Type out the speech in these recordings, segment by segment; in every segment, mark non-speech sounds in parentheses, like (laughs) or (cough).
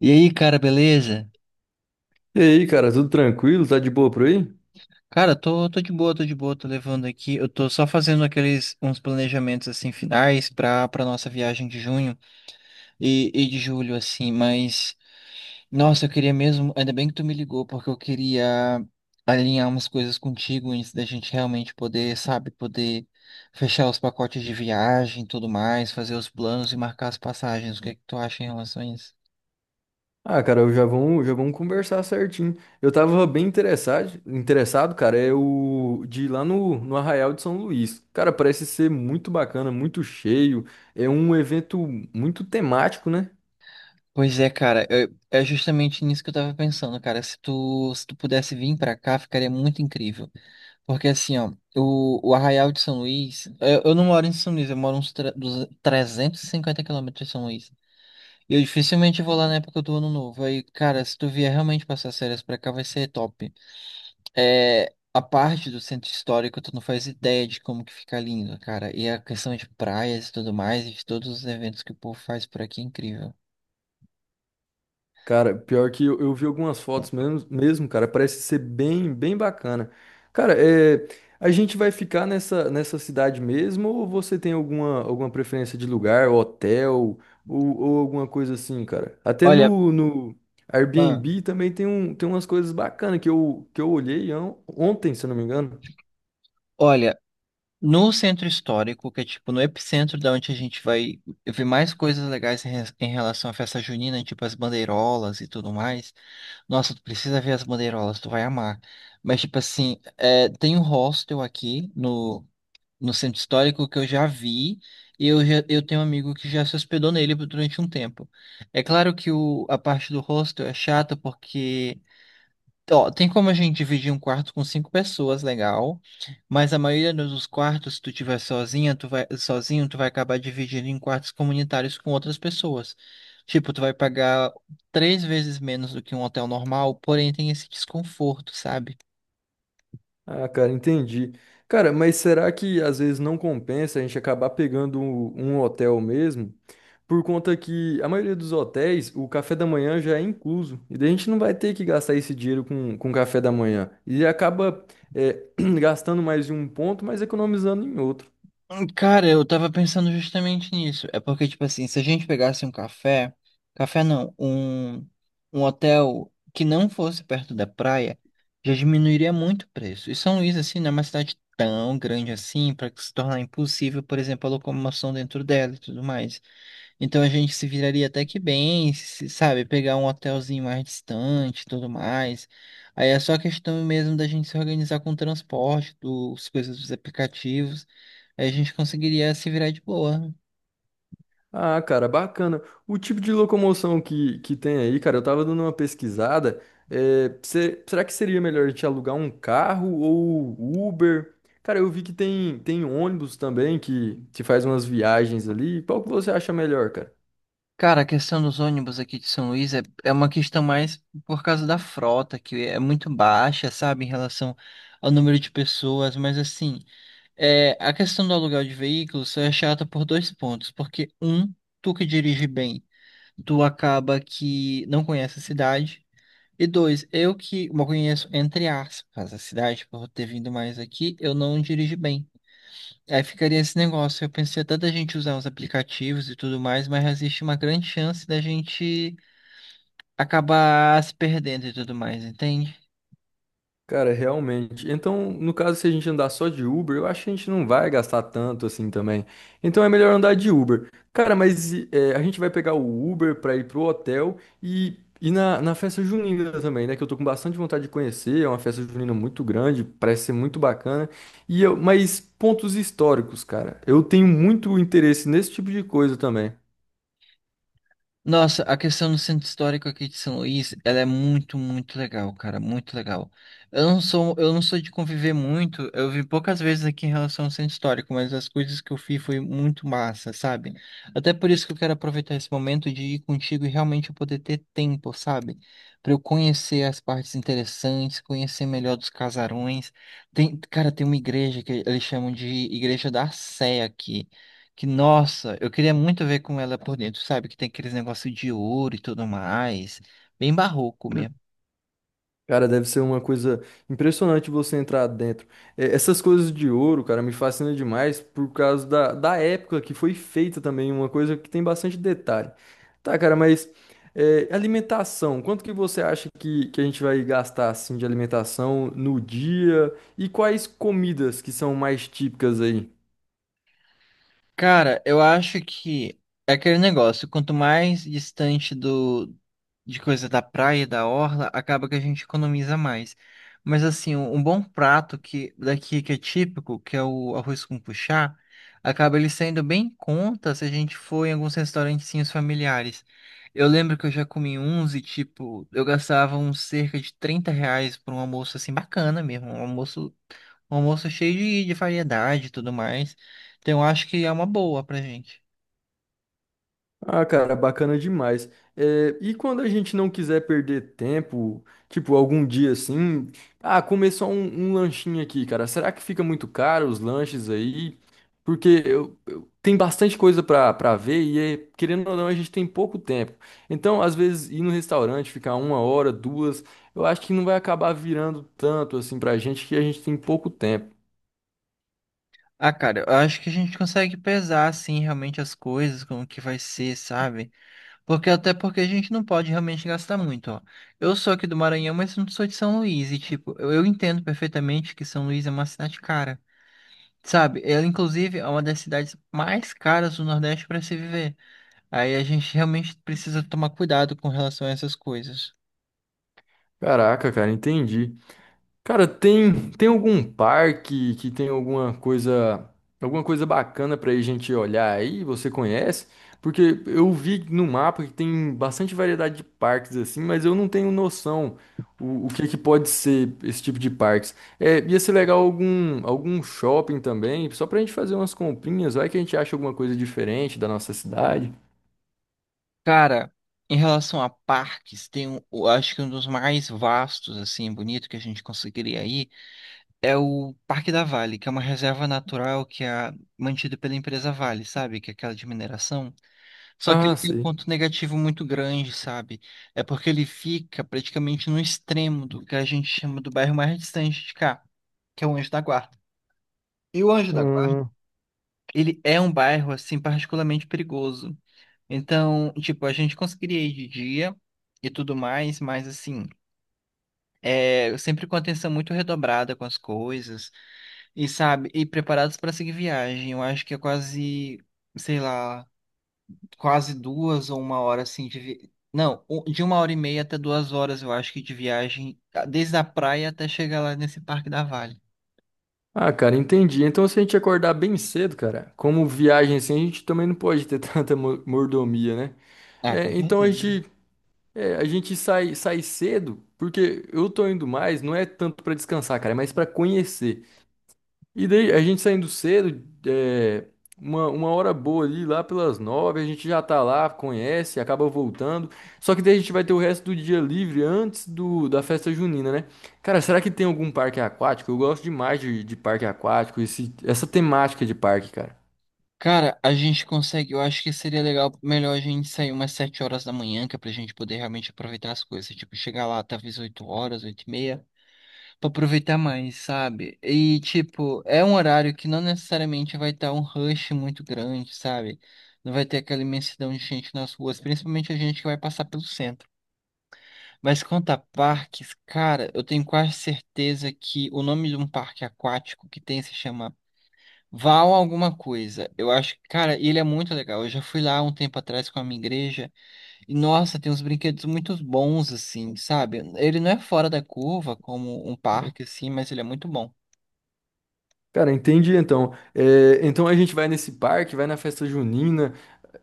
E aí, cara, beleza? E aí, cara, tudo tranquilo? Tá de boa por aí? Cara, tô de boa, tô levando aqui. Eu tô só fazendo aqueles uns planejamentos assim finais pra nossa viagem de junho e de julho, assim, mas nossa, eu queria mesmo, ainda bem que tu me ligou, porque eu queria alinhar umas coisas contigo antes da gente realmente poder, sabe, poder fechar os pacotes de viagem e tudo mais, fazer os planos e marcar as passagens. O que é que tu acha em relação a isso? Ah, cara, já vamos conversar certinho. Eu tava bem interessado, cara, é o de ir lá no Arraial de São Luís. Cara, parece ser muito bacana, muito cheio. É um evento muito temático, né? Pois é, cara, é justamente nisso que eu tava pensando, cara. Se tu pudesse vir pra cá, ficaria muito incrível. Porque assim, ó, o Arraial de São Luís, eu não moro em São Luís, eu moro uns 350 quilômetros de São Luís. E eu dificilmente vou lá na época do ano novo. Aí, cara, se tu vier realmente passar as férias pra cá, vai ser top. É, a parte do centro histórico, tu não faz ideia de como que fica lindo, cara. E a questão de praias e tudo mais, e de todos os eventos que o povo faz por aqui é incrível. Cara, pior que eu vi algumas fotos mesmo, cara, parece ser bem, bem bacana. Cara, é, a gente vai ficar nessa cidade mesmo ou você tem alguma, alguma preferência de lugar, hotel ou alguma coisa assim, cara? Até Olha, no ah, Airbnb também tem, um, tem umas coisas bacanas que eu olhei ontem, se eu não me engano. olha. No centro histórico, que é tipo no epicentro da onde a gente vai ver mais coisas legais em, em relação à festa junina, tipo as bandeirolas e tudo mais. Nossa, tu precisa ver as bandeirolas, tu vai amar. Mas tipo assim, é, tem um hostel aqui no centro histórico que eu já vi e eu tenho um amigo que já se hospedou nele durante um tempo. É claro que a parte do hostel é chata porque ó, tem como a gente dividir um quarto com 5 pessoas, legal. Mas a maioria dos quartos, se tu tiver sozinha, tu vai sozinho, tu vai acabar dividindo em quartos comunitários com outras pessoas. Tipo, tu vai pagar 3 vezes menos do que um hotel normal, porém tem esse desconforto, sabe? Ah, cara, entendi. Cara, mas será que às vezes não compensa a gente acabar pegando um hotel mesmo? Por conta que a maioria dos hotéis, o café da manhã já é incluso. E daí a gente não vai ter que gastar esse dinheiro com café da manhã. E acaba, é, (clears throat) gastando mais em um ponto, mas economizando em outro. Cara, eu tava pensando justamente nisso. É porque, tipo assim, se a gente pegasse um café, café não, um hotel que não fosse perto da praia, já diminuiria muito o preço. E São Luís, assim, não é uma cidade tão grande assim, para se tornar impossível, por exemplo, a locomoção dentro dela e tudo mais. Então a gente se viraria até que bem, sabe? Pegar um hotelzinho mais distante e tudo mais. Aí é só questão mesmo da gente se organizar com o transporte, dos coisas dos aplicativos. Aí a gente conseguiria se virar de boa. Ah, cara, bacana. O tipo de locomoção que tem aí, cara, eu tava dando uma pesquisada. Se será que seria melhor a gente alugar um carro ou Uber? Cara, eu vi que tem, tem ônibus também que faz umas viagens ali. Qual que você acha melhor, cara? Cara, a questão dos ônibus aqui de São Luís é uma questão mais por causa da frota, que é muito baixa, sabe, em relação ao número de pessoas, mas assim, é, a questão do aluguel de veículos só é chata por dois pontos, porque um, tu que dirige bem. Tu acaba que não conhece a cidade. E dois, eu que uma conheço, entre aspas, a cidade, por ter vindo mais aqui, eu não dirijo bem. Aí ficaria esse negócio. Eu pensei até da gente usar os aplicativos e tudo mais, mas existe uma grande chance da gente acabar se perdendo e tudo mais, entende? Cara, realmente. Então, no caso, se a gente andar só de Uber, eu acho que a gente não vai gastar tanto assim também. Então é melhor andar de Uber. Cara, mas é, a gente vai pegar o Uber pra ir pro hotel e na festa junina também, né? Que eu tô com bastante vontade de conhecer. É uma festa junina muito grande, parece ser muito bacana. E eu, mas pontos históricos, cara. Eu tenho muito interesse nesse tipo de coisa também. Nossa, a questão do centro histórico aqui de São Luís, ela é muito, muito legal, cara, muito legal. Eu não sou de conviver muito, eu vi poucas vezes aqui em relação ao centro histórico, mas as coisas que eu fiz foi muito massa, sabe? Até por isso que eu quero aproveitar esse momento de ir contigo e realmente eu poder ter tempo, sabe? Pra eu conhecer as partes interessantes, conhecer melhor dos casarões. Tem, cara, tem uma igreja que eles chamam de Igreja da Sé aqui. Que, nossa, eu queria muito ver com ela por dentro, sabe? Que tem aqueles negócios de ouro e tudo mais. Bem barroco mesmo. Cara, deve ser uma coisa impressionante você entrar dentro. É, essas coisas de ouro, cara, me fascina demais por causa da época que foi feita também, uma coisa que tem bastante detalhe. Tá, cara, mas é, alimentação, quanto que você acha que a gente vai gastar assim de alimentação no dia? E quais comidas que são mais típicas aí? Cara, eu acho que é aquele negócio, quanto mais distante do de coisa da praia, e da orla, acaba que a gente economiza mais. Mas assim, um bom prato que daqui que é típico, que é o arroz com puxá, acaba ele saindo bem em conta se a gente for em alguns restaurantezinhos familiares. Eu lembro que eu já comi uns e tipo, eu gastava uns cerca de 30 reais por um almoço assim bacana mesmo, um almoço cheio de variedade e tudo mais. Então, eu acho que é uma boa pra gente. Ah, cara, bacana demais. É, e quando a gente não quiser perder tempo, tipo, algum dia assim, ah, começou um, um lanchinho aqui, cara. Será que fica muito caro os lanches aí? Porque tem bastante coisa pra ver e, é, querendo ou não, a gente tem pouco tempo. Então, às vezes, ir no restaurante, ficar uma hora, duas, eu acho que não vai acabar virando tanto assim pra gente que a gente tem pouco tempo. Ah, cara, eu acho que a gente consegue pesar, assim, realmente as coisas, como que vai ser, sabe? Porque até porque a gente não pode realmente gastar muito, ó. Eu sou aqui do Maranhão, mas não sou de São Luís, e, tipo, eu entendo perfeitamente que São Luís é uma cidade cara, sabe? Ela, inclusive, é uma das cidades mais caras do Nordeste para se viver. Aí a gente realmente precisa tomar cuidado com relação a essas coisas. Caraca, cara, entendi. Cara, tem algum parque que tem alguma coisa bacana pra a gente olhar aí? Você conhece? Porque eu vi no mapa que tem bastante variedade de parques assim, mas eu não tenho noção o que é que pode ser esse tipo de parques. É, ia ser legal algum shopping também, só pra gente fazer umas comprinhas, vai que a gente acha alguma coisa diferente da nossa cidade. Cara, em relação a parques, tem um, eu acho que um dos mais vastos, assim, bonito que a gente conseguiria ir é o Parque da Vale, que é uma reserva natural que é mantida pela empresa Vale, sabe? Que é aquela de mineração. Só que ele Ah, tem um sei. ponto negativo muito grande, sabe? É porque ele fica praticamente no extremo do que a gente chama do bairro mais distante de cá, que é o Anjo da Guarda. E o Anjo da Guarda, ele é um bairro, assim, particularmente perigoso. Então, tipo, a gente conseguiria ir de dia e tudo mais, mas assim, é, eu sempre com atenção muito redobrada com as coisas e sabe, e preparados para seguir viagem. Eu acho que é quase, sei lá, quase duas ou uma hora assim de vi... Não, de uma hora e meia até duas horas, eu acho que de viagem, desde a praia até chegar lá nesse Parque da Vale. Ah, cara, entendi. Então, se a gente acordar bem cedo, cara, como viagem assim, a gente também não pode ter (laughs) tanta mordomia, né? Ah, com É, então a certeza. gente, é, a gente sai cedo, porque eu tô indo mais, não é tanto pra descansar, cara, é mais pra conhecer. E daí, a gente saindo cedo, é, uma hora boa ali, lá pelas 9, a gente já tá lá, conhece, acaba voltando. Só que daí a gente vai ter o resto do dia livre antes do, da festa junina, né? Cara, será que tem algum parque aquático? Eu gosto demais de parque aquático, esse, essa temática de parque, cara. Cara, a gente consegue. Eu acho que seria legal, melhor a gente sair umas 7 horas da manhã, que é pra gente poder realmente aproveitar as coisas. Tipo, chegar lá talvez 8 horas, 8 e meia, pra aproveitar mais, sabe? E, tipo, é um horário que não necessariamente vai estar um rush muito grande, sabe? Não vai ter aquela imensidão de gente nas ruas, principalmente a gente que vai passar pelo centro. Mas quanto a parques, cara, eu tenho quase certeza que o nome de um parque aquático que tem se chama Val alguma coisa. Eu acho que, cara, ele é muito legal. Eu já fui lá um tempo atrás com a minha igreja e, nossa, tem uns brinquedos muito bons, assim, sabe? Ele não é fora da curva, como um parque, assim, mas ele é muito bom. Cara, entendi então. É, então a gente vai nesse parque, vai na festa junina,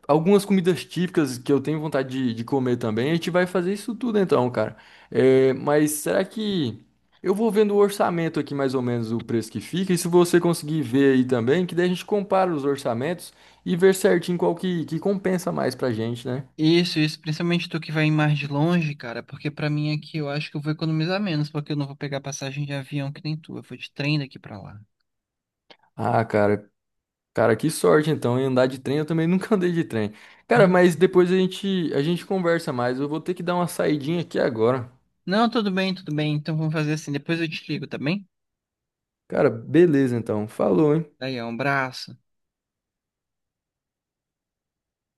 algumas comidas típicas que eu tenho vontade de comer também. A gente vai fazer isso tudo então, cara. É, mas será que eu vou vendo o orçamento aqui mais ou menos o preço que fica? E se você conseguir ver aí também, que daí a gente compara os orçamentos e ver certinho qual que compensa mais pra gente, né? Isso, principalmente tu que vai mais de longe, cara, porque pra mim aqui eu acho que eu vou economizar menos, porque eu não vou pegar passagem de avião que nem tu. Eu vou de trem daqui pra lá. Ah, cara, cara, que sorte então em andar de trem. Eu também (laughs) nunca andei de trem. Cara, Ah, mas depois a gente conversa mais. Eu vou ter que dar uma saidinha aqui agora. não, tudo bem, tudo bem. Então vamos fazer assim. Depois eu te ligo, tá bem? Cara, beleza então. Falou, hein? Daí, ó, um abraço.